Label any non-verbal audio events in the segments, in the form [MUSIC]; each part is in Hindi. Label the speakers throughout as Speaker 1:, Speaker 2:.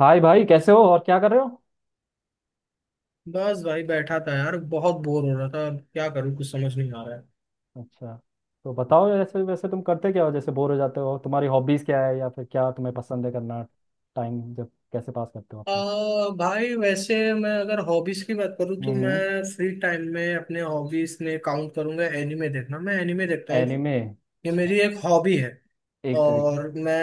Speaker 1: हाय भाई, कैसे हो और क्या कर रहे हो?
Speaker 2: बस भाई बैठा था यार। बहुत बोर हो रहा था। अब क्या करूँ, कुछ समझ नहीं आ रहा है।
Speaker 1: अच्छा। तो बताओ, जैसे वैसे तुम करते क्या हो, जैसे बोर हो जाते हो, तुम्हारी हॉबीज क्या है या फिर क्या तुम्हें पसंद है करना। टाइम जब कैसे पास करते हो अपना?
Speaker 2: भाई वैसे मैं अगर हॉबीज की बात करूँ तो
Speaker 1: हम्म।
Speaker 2: मैं फ्री टाइम में अपने हॉबीज में काउंट करूंगा एनिमे देखना। मैं एनिमे देखता हूँ,
Speaker 1: एनिमे,
Speaker 2: ये
Speaker 1: अच्छा।
Speaker 2: मेरी एक हॉबी है।
Speaker 1: एक तरीके।
Speaker 2: और मैं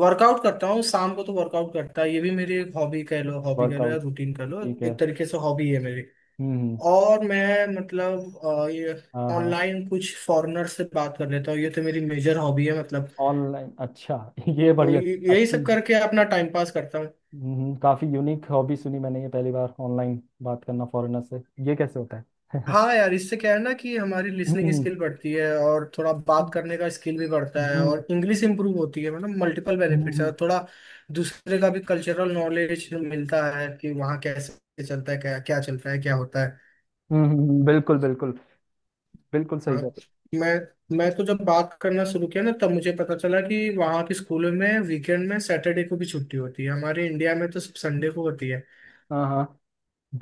Speaker 2: वर्कआउट करता हूँ शाम को, तो वर्कआउट करता है ये भी मेरी एक हॉबी कह लो, हॉबी कह लो या
Speaker 1: वर्कआउट।
Speaker 2: रूटीन कह लो,
Speaker 1: ठीक है।
Speaker 2: एक तरीके से हॉबी है मेरी।
Speaker 1: हम्म।
Speaker 2: और मैं मतलब ये
Speaker 1: हाँ हाँ।
Speaker 2: ऑनलाइन कुछ फॉरेनर से बात कर लेता हूँ, ये तो मेरी मेजर हॉबी है मतलब।
Speaker 1: ऑनलाइन, अच्छा। [LAUGHS] ये
Speaker 2: तो
Speaker 1: बड़ी अच्छ-
Speaker 2: यही
Speaker 1: अच्छी
Speaker 2: सब करके अपना टाइम पास करता हूँ।
Speaker 1: हम्म, काफी यूनिक हॉबी सुनी मैंने, ये पहली बार ऑनलाइन बात करना फॉरेनर से। ये कैसे होता है?
Speaker 2: हाँ यार, इससे क्या है ना कि हमारी लिसनिंग
Speaker 1: हम्म।
Speaker 2: स्किल बढ़ती है, और थोड़ा बात
Speaker 1: हम्म।
Speaker 2: करने का स्किल भी बढ़ता है,
Speaker 1: हम्म।
Speaker 2: और इंग्लिश इंप्रूव होती है। मतलब मल्टीपल बेनिफिट्स है।
Speaker 1: हम्म,
Speaker 2: और थोड़ा दूसरे का भी कल्चरल नॉलेज मिलता है कि वहाँ कैसे चलता है, क्या क्या चलता है, क्या होता है।
Speaker 1: बिल्कुल बिल्कुल। बिल्कुल सही
Speaker 2: हाँ,
Speaker 1: कर।
Speaker 2: मैं तो जब बात करना शुरू किया ना तब मुझे पता चला कि वहाँ के स्कूलों में वीकेंड में सैटरडे को भी छुट्टी होती है। हमारे इंडिया में तो सिर्फ संडे को होती है।
Speaker 1: हाँ हाँ।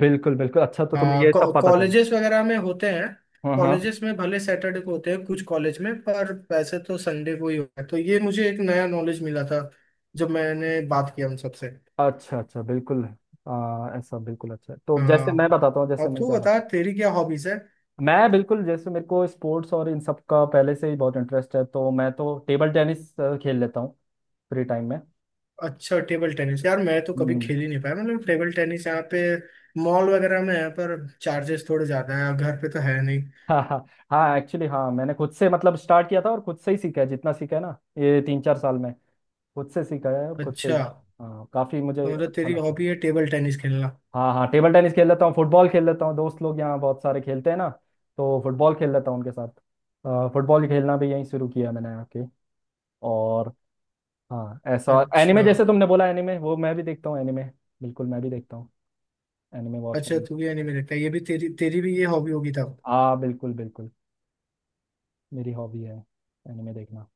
Speaker 1: बिल्कुल बिल्कुल। अच्छा, तो तुम्हें
Speaker 2: हाँ,
Speaker 1: ये सब पता चला।
Speaker 2: कॉलेजेस वगैरह में होते हैं।
Speaker 1: हाँ हाँ।
Speaker 2: कॉलेजेस में भले सैटरडे को होते हैं कुछ कॉलेज में, पर वैसे तो संडे को ही होता है। तो ये मुझे एक नया नॉलेज मिला था जब मैंने बात किया उन सबसे।
Speaker 1: अच्छा अच्छा बिल्कुल। हाँ, ऐसा बिल्कुल अच्छा है। तो जैसे
Speaker 2: हाँ,
Speaker 1: मैं बताता हूँ जैसे
Speaker 2: और
Speaker 1: मैं
Speaker 2: तू
Speaker 1: क्या
Speaker 2: बता,
Speaker 1: करता
Speaker 2: तेरी क्या हॉबीज है।
Speaker 1: हूँ, मैं बिल्कुल जैसे मेरे को स्पोर्ट्स और इन सब का पहले से ही बहुत इंटरेस्ट है, तो मैं तो टेबल टेनिस खेल लेता हूँ फ्री टाइम में।
Speaker 2: अच्छा, टेबल टेनिस। यार मैं तो कभी
Speaker 1: हम्म।
Speaker 2: खेल ही नहीं पाया। मतलब टेबल टेनिस यहाँ पे मॉल वगैरह में है, पर चार्जेस थोड़े ज्यादा हैं। घर पे तो है नहीं।
Speaker 1: [LAUGHS] हाँ हाँ। हाँ, एक्चुअली हाँ मैंने खुद से मतलब स्टार्ट किया था, और खुद से ही सीखा है जितना सीखा है ना ये तीन चार साल में, खुद से सीखा है और खुद से
Speaker 2: अच्छा,
Speaker 1: ही। हाँ, काफ़ी मुझे
Speaker 2: तो मतलब
Speaker 1: अच्छा
Speaker 2: तेरी
Speaker 1: लगता है।
Speaker 2: हॉबी है टेबल टेनिस खेलना।
Speaker 1: हाँ हाँ, टेबल टेनिस खेल लेता हूँ, फुटबॉल खेल लेता हूँ, दोस्त लोग यहाँ बहुत सारे खेलते हैं ना, तो फुटबॉल खेल लेता हूँ उनके साथ। फुटबॉल खेलना भी यहीं शुरू किया मैंने आके। और हाँ, ऐसा एनिमे
Speaker 2: अच्छा,
Speaker 1: जैसे तुमने बोला, एनिमे वो मैं भी देखता हूँ, एनिमे बिल्कुल मैं भी देखता हूँ। एनिमे वॉच
Speaker 2: अच्छा,
Speaker 1: करना,
Speaker 2: तू भी एनिमे देखता है। ये भी तेरी तेरी भी ये हॉबी होगी तब।
Speaker 1: हाँ बिल्कुल बिल्कुल। मेरी हॉबी है एनिमे देखना।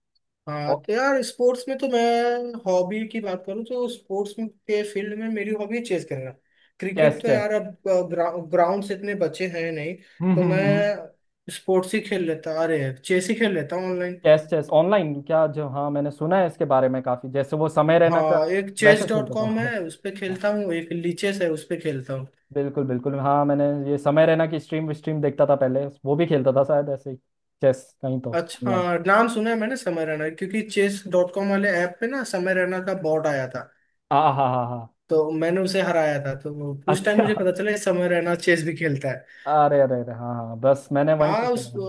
Speaker 2: हाँ,
Speaker 1: और
Speaker 2: तो यार स्पोर्ट्स में तो मैं, हॉबी की बात करूँ तो स्पोर्ट्स में के फील्ड में मेरी हॉबी चेस करना।
Speaker 1: चेस
Speaker 2: क्रिकेट तो
Speaker 1: चेस।
Speaker 2: यार अब ग्राउंड से इतने बच्चे हैं नहीं। तो
Speaker 1: हम्म।
Speaker 2: मैं स्पोर्ट्स ही खेल लेता, अरे चेस ही खेल लेता हूँ ऑनलाइन।
Speaker 1: चेस चेस ऑनलाइन क्या, जो हाँ मैंने सुना है इसके बारे में, काफी जैसे वो समय रहना का।
Speaker 2: हाँ, एक चेस
Speaker 1: वैसे
Speaker 2: डॉट
Speaker 1: खेलता था
Speaker 2: कॉम
Speaker 1: वो।
Speaker 2: है, उस पर
Speaker 1: हाँ।
Speaker 2: खेलता हूँ, एक लीचेस है, उस पर खेलता हूँ।
Speaker 1: बिल्कुल बिल्कुल, हाँ मैंने ये समय रहना की स्ट्रीम स्ट्रीम देखता था पहले, वो भी खेलता था शायद ऐसे ही, चेस कहीं तो
Speaker 2: अच्छा
Speaker 1: ऑनलाइन।
Speaker 2: हाँ, नाम सुना है मैंने समय रैना, क्योंकि चेस डॉट कॉम वाले ऐप पे ना समय रैना का बॉट आया था।
Speaker 1: हाँ हाँ हाँ हाँ।
Speaker 2: तो मैंने उसे हराया था, तो उस टाइम
Speaker 1: अच्छा।
Speaker 2: मुझे पता चला ये समय रैना चेस भी खेलता है।
Speaker 1: अरे अरे अरे हाँ हाँ, बस मैंने वहीं से
Speaker 2: हाँ, उस
Speaker 1: सुना है।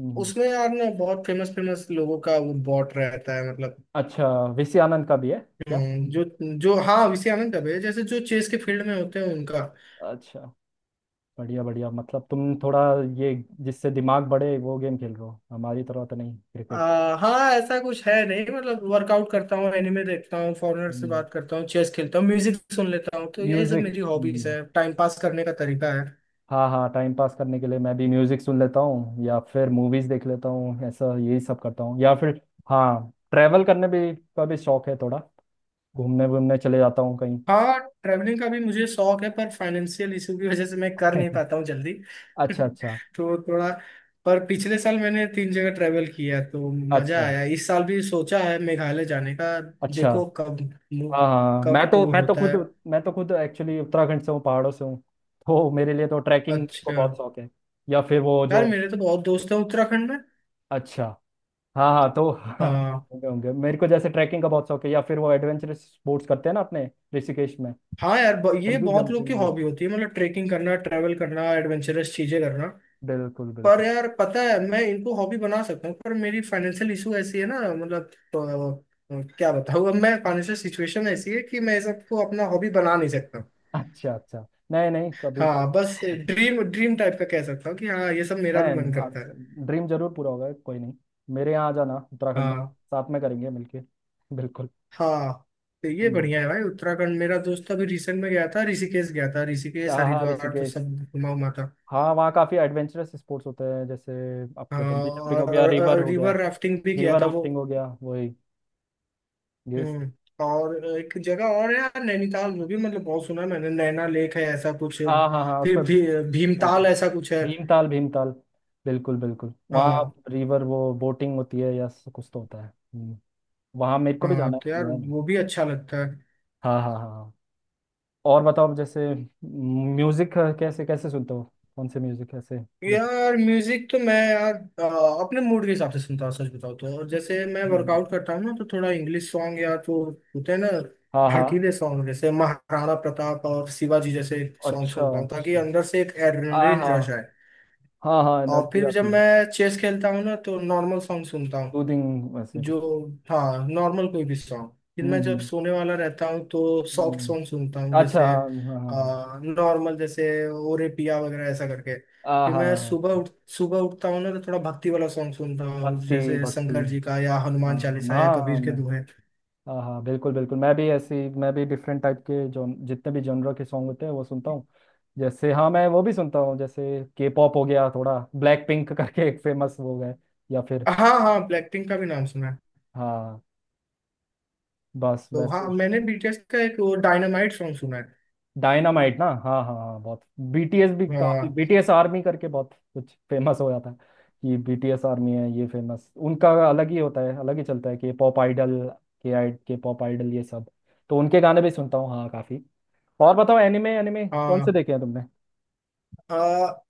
Speaker 1: हम्म।
Speaker 2: उसमें यार ना बहुत फेमस फेमस लोगों का वो बॉट रहता है मतलब।
Speaker 1: अच्छा। वीसी आनंद का भी है क्या?
Speaker 2: जो जो हाँ विषय आनंद दबे जैसे जो चेस के फील्ड में होते हैं उनका।
Speaker 1: अच्छा बढ़िया बढ़िया, मतलब तुम थोड़ा ये जिससे दिमाग बढ़े वो गेम खेल रहे हो, हमारी तरह तो नहीं क्रिकेट।
Speaker 2: हाँ ऐसा कुछ है नहीं। मतलब वर्कआउट करता हूँ, एनिमे देखता हूँ, फॉरेनर से बात करता हूँ, चेस खेलता हूँ, म्यूजिक सुन लेता हूँ। तो यही सब
Speaker 1: म्यूजिक।
Speaker 2: मेरी हॉबीज है, टाइम पास करने का तरीका है।
Speaker 1: हाँ हाँ, टाइम पास करने के लिए मैं भी म्यूजिक सुन लेता हूँ या फिर मूवीज देख लेता हूँ, ऐसा यही सब करता हूँ, या फिर हाँ ट्रैवल करने भी का भी शौक है थोड़ा। घूमने घूमने चले जाता हूँ कहीं।
Speaker 2: हाँ, ट्रैवलिंग का भी मुझे शौक है, पर फाइनेंशियल इशू की वजह से मैं कर नहीं पाता
Speaker 1: [LAUGHS]
Speaker 2: हूँ जल्दी। [LAUGHS]
Speaker 1: अच्छा अच्छा।
Speaker 2: तो थोड़ा, पर पिछले साल मैंने तीन जगह ट्रैवल किया तो मजा
Speaker 1: अच्छा
Speaker 2: आया। इस साल भी सोचा है मेघालय जाने का।
Speaker 1: अच्छा।
Speaker 2: देखो कब, मु-
Speaker 1: हाँ हाँ, मैं
Speaker 2: कब
Speaker 1: तो
Speaker 2: वो
Speaker 1: मैं तो
Speaker 2: होता
Speaker 1: खुद,
Speaker 2: है।
Speaker 1: मैं तो खुद एक्चुअली उत्तराखंड से हूँ, पहाड़ों से हूँ, तो मेरे लिए तो ट्रैकिंग को
Speaker 2: अच्छा,
Speaker 1: बहुत शौक है, या फिर वो जो।
Speaker 2: यार मेरे तो बहुत दोस्त हैं उत्तराखंड में।
Speaker 1: अच्छा, हाँ हाँ तो [LAUGHS] हाँ,
Speaker 2: हाँ
Speaker 1: होंगे होंगे। मेरे को जैसे ट्रैकिंग का बहुत शौक है या फिर वो एडवेंचरस स्पोर्ट्स करते हैं ना अपने ऋषिकेश में,
Speaker 2: हाँ, यार ये
Speaker 1: बंजी
Speaker 2: बहुत लोग
Speaker 1: जंपिंग
Speaker 2: की
Speaker 1: वो।
Speaker 2: हॉबी होती है, मतलब ट्रेकिंग करना, ट्रैवल करना, एडवेंचरस चीजें करना।
Speaker 1: बिल्कुल
Speaker 2: पर
Speaker 1: बिल्कुल।
Speaker 2: यार पता है, मैं इनको हॉबी बना सकता हूँ, पर मेरी फाइनेंशियल इशू ऐसी है ना। मतलब तो, क्या बताऊँ अब। मैं, फाइनेंशियल सिचुएशन ऐसी है कि मैं ये सबको अपना हॉबी बना नहीं सकता।
Speaker 1: अच्छा अच्छा। नहीं नहीं, कभी तो।
Speaker 2: हाँ बस, ड्रीम ड्रीम टाइप का कह सकता हूँ कि हाँ ये सब मेरा
Speaker 1: नहीं
Speaker 2: भी
Speaker 1: नहीं,
Speaker 2: मन
Speaker 1: आप
Speaker 2: करता है।
Speaker 1: ड्रीम जरूर पूरा होगा, कोई नहीं। मेरे यहाँ आ जाना उत्तराखंड में,
Speaker 2: हाँ
Speaker 1: साथ में करेंगे मिलके। बिल्कुल।
Speaker 2: हाँ, तो ये
Speaker 1: हम्म,
Speaker 2: बढ़िया है भाई उत्तराखंड। मेरा दोस्त अभी रिसेंट में गया था, ऋषिकेश गया था, ऋषिकेश
Speaker 1: हाँ हाँ,
Speaker 2: हरिद्वार तो
Speaker 1: ऋषिकेश।
Speaker 2: सब घुमा उमा था।
Speaker 1: हाँ, वहाँ काफ़ी एडवेंचरस स्पोर्ट्स होते हैं जैसे आपके
Speaker 2: हाँ
Speaker 1: बंजी जंपिंग हो
Speaker 2: और,
Speaker 1: गया, रिवर हो गया,
Speaker 2: रिवर राफ्टिंग भी किया
Speaker 1: रिवर
Speaker 2: था वो।
Speaker 1: राफ्टिंग हो गया, वही ये सब।
Speaker 2: हम्म। और एक जगह और है यार नैनीताल, वो भी मतलब बहुत सुना है मैंने, नैना लेक है ऐसा कुछ।
Speaker 1: हाँ हाँ हाँ
Speaker 2: फिर
Speaker 1: उसमें बोट।
Speaker 2: भीमताल ऐसा कुछ है।
Speaker 1: भीमताल भीमताल, बिल्कुल बिल्कुल, वहाँ
Speaker 2: हाँ
Speaker 1: रिवर वो बोटिंग होती है या कुछ तो होता है। हम्म, वहाँ मेरे को भी
Speaker 2: हाँ,
Speaker 1: जाना है,
Speaker 2: तो
Speaker 1: मैं
Speaker 2: यार
Speaker 1: गया नहीं।
Speaker 2: वो भी अच्छा लगता है।
Speaker 1: हाँ हाँ हाँ हाँ। और बताओ जैसे म्यूजिक कैसे कैसे सुनते हो, कौन से म्यूजिक कैसे, जैसे।
Speaker 2: यार म्यूजिक तो मैं अपने मूड के हिसाब से सुनता हूँ, सच बताऊँ तो। और जैसे मैं
Speaker 1: हम्म,
Speaker 2: वर्कआउट करता हूँ ना तो थोड़ा इंग्लिश सॉन्ग या तो होते हैं ना,
Speaker 1: हाँ हाँ।
Speaker 2: भड़कीले सॉन्ग जैसे महाराणा प्रताप और शिवाजी जैसे सॉन्ग
Speaker 1: अच्छा
Speaker 2: सुनता हूँ, ताकि
Speaker 1: अच्छा।
Speaker 2: अंदर से एक
Speaker 1: हाँ
Speaker 2: एड्रेनलिन
Speaker 1: हाँ
Speaker 2: रश आए।
Speaker 1: हाँ हाँ,
Speaker 2: और
Speaker 1: एनर्जी
Speaker 2: फिर जब
Speaker 1: आती है।
Speaker 2: मैं चेस खेलता हूँ ना तो नॉर्मल सॉन्ग सुनता हूँ,
Speaker 1: सूदिंग वैसे
Speaker 2: जो,
Speaker 1: कुछ।
Speaker 2: हाँ नॉर्मल कोई भी सॉन्ग। फिर
Speaker 1: हम्म
Speaker 2: मैं जब
Speaker 1: हम्म
Speaker 2: सोने वाला रहता हूँ तो सॉफ्ट
Speaker 1: हम्म।
Speaker 2: सॉन्ग सुनता हूँ
Speaker 1: अच्छा
Speaker 2: जैसे,
Speaker 1: हाँ हाँ हाँ
Speaker 2: नॉर्मल जैसे ओरे पिया वगैरह ऐसा करके।
Speaker 1: हाँ।
Speaker 2: फिर
Speaker 1: हाँ हाँ,
Speaker 2: मैं
Speaker 1: हाँ,
Speaker 2: सुबह उठता हूँ ना तो थोड़ा भक्ति वाला सॉन्ग सुनता हूँ
Speaker 1: भक्ति
Speaker 2: जैसे
Speaker 1: भक्ति।
Speaker 2: शंकर जी का या हनुमान
Speaker 1: हाँ
Speaker 2: चालीसा या
Speaker 1: हाँ हाँ,
Speaker 2: कबीर के
Speaker 1: मैं
Speaker 2: दोहे।
Speaker 1: हाँ हाँ बिल्कुल बिल्कुल, मैं भी डिफरेंट टाइप के जो जितने भी जॉनर के सॉन्ग होते हैं वो सुनता हूँ। जैसे हाँ मैं वो भी सुनता हूँ, जैसे के पॉप हो गया थोड़ा ब्लैक पिंक [LAUGHS] करके एक फेमस वो है, या फिर
Speaker 2: हाँ हाँ, ब्लैकपिंक का भी नाम सुना है।
Speaker 1: हाँ बस
Speaker 2: तो हाँ
Speaker 1: वैसे।
Speaker 2: मैंने बीटीएस का एक वो डायनामाइट सॉन्ग सुना है।
Speaker 1: डायनामाइट ना, हाँ हाँ हाँ बहुत। बीटीएस भी काफी,
Speaker 2: हाँ
Speaker 1: बीटीएस आर्मी करके बहुत कुछ फेमस हो जाता है कि बीटीएस आर्मी है, ये फेमस उनका अलग ही होता है, अलग ही चलता है कि पॉप आइडल, के आई के पॉप आइडल ये सब, तो उनके गाने भी सुनता हूँ हाँ काफी। और बताओ, एनिमे एनिमे कौन से
Speaker 2: हाँ,
Speaker 1: देखे हैं तुमने?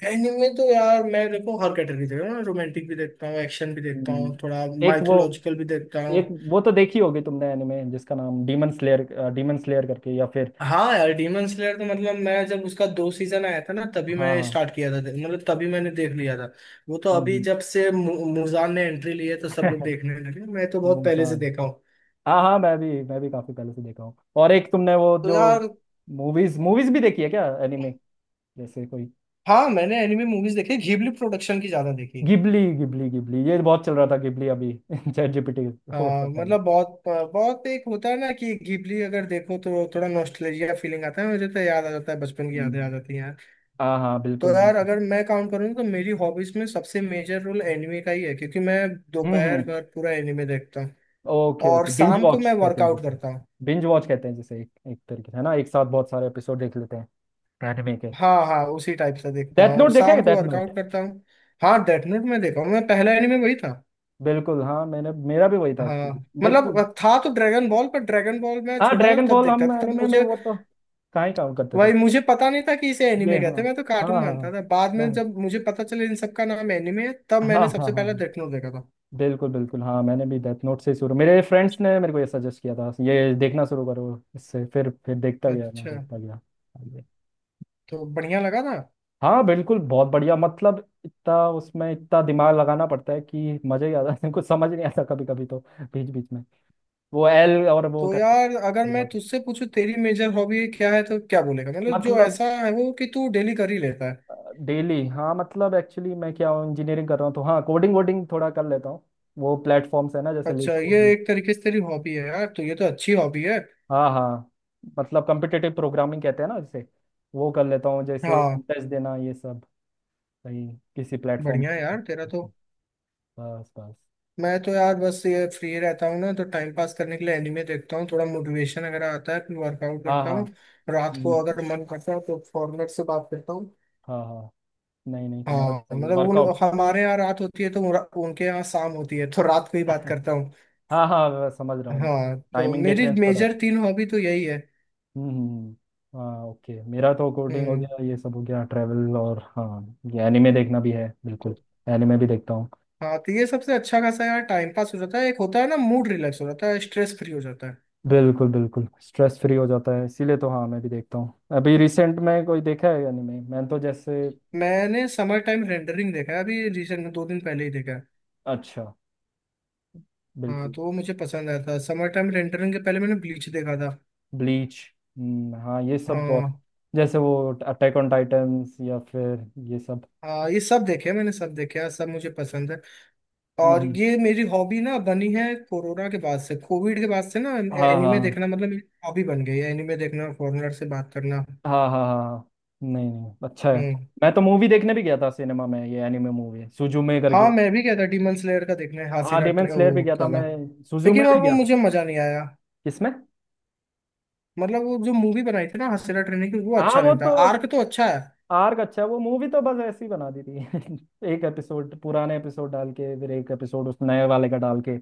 Speaker 2: एनिमे तो यार मैं देखो हर कैटेगरी देखता हूँ। रोमांटिक भी देखता हूँ, एक्शन भी देखता हूँ,
Speaker 1: हम्म,
Speaker 2: थोड़ा
Speaker 1: एक वो
Speaker 2: माइथोलॉजिकल भी देखता हूँ।
Speaker 1: एक वो तो देखी होगी तुमने एनिमे जिसका नाम डीमन स्लेयर, डीमन स्लेयर करके, या फिर
Speaker 2: हाँ यार, डीमन स्लेयर तो मतलब मैं जब उसका दो सीजन आया था ना तभी
Speaker 1: हाँ
Speaker 2: मैं
Speaker 1: हाँ।
Speaker 2: स्टार्ट किया था, मतलब तभी मैंने देख लिया था। वो तो अभी
Speaker 1: हम्म,
Speaker 2: जब से मुजान ने एंट्री ली है तो सब लोग
Speaker 1: हम्म। [LAUGHS]
Speaker 2: देखने लगे, मैं तो बहुत पहले से
Speaker 1: मुमसान।
Speaker 2: देखा हूँ।
Speaker 1: हाँ हाँ मैं भी काफी पहले से देखा हूँ। और एक तुमने वो
Speaker 2: तो
Speaker 1: जो
Speaker 2: यार,
Speaker 1: मूवीज मूवीज भी देखी है क्या एनिमे, जैसे कोई
Speaker 2: हाँ मैंने एनिमे मूवीज देखी, घिबली प्रोडक्शन की ज्यादा देखी।
Speaker 1: गिबली गिबली गिबली, ये बहुत चल रहा था गिबली अभी [LAUGHS] चैट जीपीटी वो
Speaker 2: हाँ
Speaker 1: सब वाला।
Speaker 2: मतलब बहुत बहुत, एक होता है ना कि घिबली अगर देखो तो थोड़ा नॉस्टैल्जिया फीलिंग आता है, मुझे तो याद आ जाता है, बचपन की यादें आ
Speaker 1: हम्म,
Speaker 2: जाती हैं।
Speaker 1: हाँ हाँ
Speaker 2: तो
Speaker 1: बिल्कुल
Speaker 2: यार
Speaker 1: बिल्कुल।
Speaker 2: अगर मैं काउंट करूँ तो मेरी हॉबीज में सबसे मेजर रोल एनिमे का ही है, क्योंकि मैं दोपहर
Speaker 1: हम्म,
Speaker 2: भर पूरा एनिमे देखता हूँ।
Speaker 1: ओके
Speaker 2: और
Speaker 1: ओके, बिंज
Speaker 2: शाम को
Speaker 1: वॉच
Speaker 2: मैं
Speaker 1: कहते हैं
Speaker 2: वर्कआउट
Speaker 1: जिसे,
Speaker 2: करता हूँ।
Speaker 1: बिंज वॉच कहते हैं जैसे एक एक तरीके से है ना, एक साथ बहुत सारे एपिसोड देख लेते हैं एनिमे के।
Speaker 2: हाँ हाँ, उसी टाइप से देखता
Speaker 1: डेथ
Speaker 2: हूँ,
Speaker 1: नोट देखा है,
Speaker 2: शाम को
Speaker 1: डेथ नोट।
Speaker 2: वर्कआउट करता हूँ। हाँ डेथ नोट में देखा हूँ, मैं पहला एनिमे वही था।
Speaker 1: बिल्कुल हाँ मैंने, मेरा भी वही था
Speaker 2: हाँ
Speaker 1: एक्चुअली मेरे को।
Speaker 2: मतलब, था तो ड्रैगन बॉल, पर ड्रैगन बॉल मैं
Speaker 1: हाँ
Speaker 2: छोटा था
Speaker 1: ड्रैगन
Speaker 2: तब
Speaker 1: बॉल,
Speaker 2: देखता
Speaker 1: हम
Speaker 2: था, तब
Speaker 1: एनिमे में
Speaker 2: मुझे,
Speaker 1: वो तो कहाँ ही काम करते थे।
Speaker 2: वही, मुझे पता नहीं था कि इसे
Speaker 1: ये
Speaker 2: एनिमे
Speaker 1: हाँ।
Speaker 2: कहते हैं। मैं तो
Speaker 1: हाँ
Speaker 2: कार्टून
Speaker 1: हाँ
Speaker 2: मानता
Speaker 1: हाँ
Speaker 2: था। बाद
Speaker 1: मैं,
Speaker 2: में जब मुझे पता चला इन सब का नाम एनिमे है, तब
Speaker 1: हाँ हाँ
Speaker 2: मैंने
Speaker 1: हाँ
Speaker 2: सबसे पहले
Speaker 1: हाँ,
Speaker 2: डेथ नोट देखा था।
Speaker 1: बिल्कुल बिल्कुल, हाँ मैंने भी डेथ नोट से शुरू, मेरे फ्रेंड्स ने मेरे को ये सजेस्ट किया था ये देखना शुरू करो, इससे फिर देखता गया, मैं
Speaker 2: अच्छा,
Speaker 1: देखता गया आगे।
Speaker 2: तो बढ़िया लगा था।
Speaker 1: हाँ बिल्कुल बहुत बढ़िया, मतलब इतना उसमें इतना दिमाग लगाना पड़ता है कि मजा ही आ जाता है, कुछ समझ नहीं आता कभी कभी तो, बीच बीच में, वो एल और वो
Speaker 2: तो
Speaker 1: करके।
Speaker 2: यार अगर मैं तुझसे पूछूं तेरी मेजर हॉबी क्या है तो क्या बोलेगा, मतलब जो
Speaker 1: मतलब
Speaker 2: ऐसा है वो कि तू डेली कर ही लेता है।
Speaker 1: डेली हाँ, मतलब एक्चुअली मैं क्या इंजीनियरिंग कर रहा हूँ तो हाँ कोडिंग वोडिंग थोड़ा कर लेता हूँ, वो प्लेटफॉर्म्स है ना जैसे लीड
Speaker 2: अच्छा, ये
Speaker 1: कोड।
Speaker 2: एक तरीके से तेरी हॉबी है यार, तो ये तो अच्छी हॉबी है।
Speaker 1: हाँ हाँ। मतलब कम्पिटिटिव प्रोग्रामिंग कहते हैं ना जैसे, वो कर लेता हूँ, जैसे
Speaker 2: हाँ,
Speaker 1: टेस्ट देना ये सब, कहीं किसी प्लेटफॉर्म
Speaker 2: बढ़िया है
Speaker 1: पर।
Speaker 2: यार तेरा तो।
Speaker 1: बस बस।
Speaker 2: मैं तो यार बस ये फ्री रहता हूँ ना, तो टाइम पास करने के लिए एनिमे देखता हूँ, थोड़ा मोटिवेशन अगर आता है फिर वर्कआउट
Speaker 1: हाँ
Speaker 2: करता
Speaker 1: हाँ।
Speaker 2: हूँ। रात को
Speaker 1: हम्म,
Speaker 2: अगर मन करता है तो फॉरनर से बात करता हूँ।
Speaker 1: हाँ हाँ, नहीं नहीं तुम्हारा तो
Speaker 2: हाँ
Speaker 1: सही है
Speaker 2: मतलब उन,
Speaker 1: वर्कआउट।
Speaker 2: हमारे यहाँ रात होती है तो उनके यहाँ शाम होती है, तो रात को ही बात
Speaker 1: [LAUGHS]
Speaker 2: करता हूँ।
Speaker 1: हाँ हाँ मैं समझ रहा हूँ, मैं
Speaker 2: हाँ तो
Speaker 1: टाइमिंग
Speaker 2: मेरी
Speaker 1: डिफरेंस तो रहता
Speaker 2: मेजर
Speaker 1: है।
Speaker 2: तीन हॉबी तो यही है।
Speaker 1: हाँ ओके, मेरा तो कोडिंग हो
Speaker 2: हम्म।
Speaker 1: गया ये सब हो गया, ट्रैवल और हाँ ये एनिमे देखना भी है बिल्कुल,
Speaker 2: तो
Speaker 1: एनिमे भी देखता हूँ।
Speaker 2: हाँ तो ये सबसे अच्छा खासा यार टाइम पास हो जाता है, एक होता है ना मूड रिलैक्स हो जाता है, स्ट्रेस फ्री हो जाता है।
Speaker 1: बिल्कुल बिल्कुल स्ट्रेस फ्री हो जाता है, इसीलिए तो हाँ मैं भी देखता हूँ, अभी रिसेंट में कोई देखा है एनिमे मैंने तो जैसे।
Speaker 2: मैंने समर टाइम रेंडरिंग देखा है अभी रिसेंट में, 2 दिन पहले ही देखा है।
Speaker 1: अच्छा।
Speaker 2: हाँ,
Speaker 1: बिल्कुल।
Speaker 2: तो वो मुझे पसंद आया था। समर टाइम रेंटरिंग के पहले मैंने ब्लीच देखा था।
Speaker 1: ब्लीच, हाँ ये सब बहुत,
Speaker 2: हाँ
Speaker 1: जैसे वो अटैक ऑन टाइटन्स या फिर ये सब।
Speaker 2: हाँ, ये सब देखे मैंने, सब देखे हाँ, सब मुझे पसंद है।
Speaker 1: हम्म
Speaker 2: और
Speaker 1: हम्म,
Speaker 2: ये मेरी हॉबी ना बनी है कोरोना के बाद से, कोविड के बाद से ना,
Speaker 1: हाँ हाँ
Speaker 2: एनिमे देखना मतलब मेरी हॉबी बन गई है, एनिमे देखना, फॉरेनर से बात करना।
Speaker 1: हाँ हाँ हाँ हाँ। नहीं नहीं अच्छा है।
Speaker 2: हम्म।
Speaker 1: मैं तो मूवी देखने भी गया था सिनेमा में, ये एनिमे मूवी है सुजुमे करके।
Speaker 2: हाँ मैं भी कहता डीमन स्लेयर का देखना है,
Speaker 1: हाँ
Speaker 2: हासिरा
Speaker 1: डेमन स्लेयर भी
Speaker 2: वो
Speaker 1: गया था
Speaker 2: काला,
Speaker 1: मैं, सुजुमे
Speaker 2: लेकिन,
Speaker 1: भी
Speaker 2: और वो
Speaker 1: गया था।
Speaker 2: मुझे मजा नहीं आया।
Speaker 1: किसमें?
Speaker 2: मतलब वो जो मूवी बनाई थी ना हासिरा ट्रेनिंग की, वो
Speaker 1: हाँ
Speaker 2: अच्छा
Speaker 1: वो
Speaker 2: नहीं था,
Speaker 1: तो
Speaker 2: आर्क तो अच्छा है।
Speaker 1: आर्क अच्छा है, वो मूवी तो बस ऐसी बना दी थी [LAUGHS] एक एपिसोड पुराने एपिसोड डाल के फिर एक एपिसोड उस नए वाले का डाल के,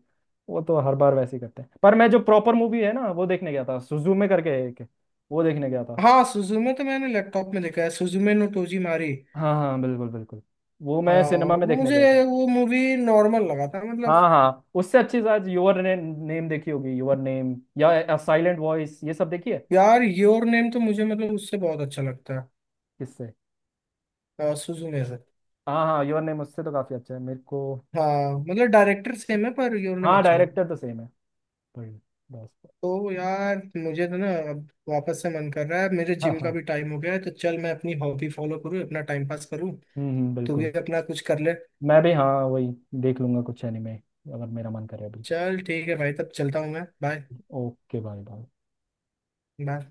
Speaker 1: वो तो हर बार वैसे ही करते हैं, पर मैं जो प्रॉपर मूवी है ना वो देखने गया था सुजुमे करके है एक, वो देखने गया था।
Speaker 2: हाँ, सुजुमे तो मैंने लैपटॉप में देखा है, सुजुमे नो टोजी मारी।
Speaker 1: हाँ हाँ बिल्कुल बिल्कुल, वो मैं
Speaker 2: हाँ,
Speaker 1: सिनेमा में देखने
Speaker 2: मुझे
Speaker 1: गया था।
Speaker 2: वो मूवी नॉर्मल लगा था
Speaker 1: हाँ
Speaker 2: मतलब।
Speaker 1: हाँ, उससे अच्छी शायद योर नेम देखी होगी, योर नेम या साइलेंट वॉइस ये सब देखी है।
Speaker 2: यार योर नेम तो मुझे मतलब उससे बहुत अच्छा लगता
Speaker 1: किससे?
Speaker 2: है, सुजुमे से।
Speaker 1: हाँ हाँ, योर नेम उससे तो काफी अच्छा है मेरे को।
Speaker 2: हाँ, मतलब डायरेक्टर सेम है, पर योर नेम
Speaker 1: हाँ
Speaker 2: अच्छा था।
Speaker 1: डायरेक्टर तो सेम है पर, बस।
Speaker 2: तो यार मुझे तो ना अब वापस से मन कर रहा है, मेरे
Speaker 1: हाँ
Speaker 2: जिम का
Speaker 1: हाँ।
Speaker 2: भी टाइम हो गया है। तो चल, मैं अपनी हॉबी फॉलो करूँ, अपना टाइम पास करूँ। तू
Speaker 1: बिल्कुल।
Speaker 2: भी अपना कुछ कर ले।
Speaker 1: मैं भी हाँ वही, देख लूंगा कुछ एनिमे अगर मेरा मन करे अभी।
Speaker 2: चल ठीक है भाई, तब चलता हूँ मैं, bye.
Speaker 1: Okay bye bye.
Speaker 2: Bye.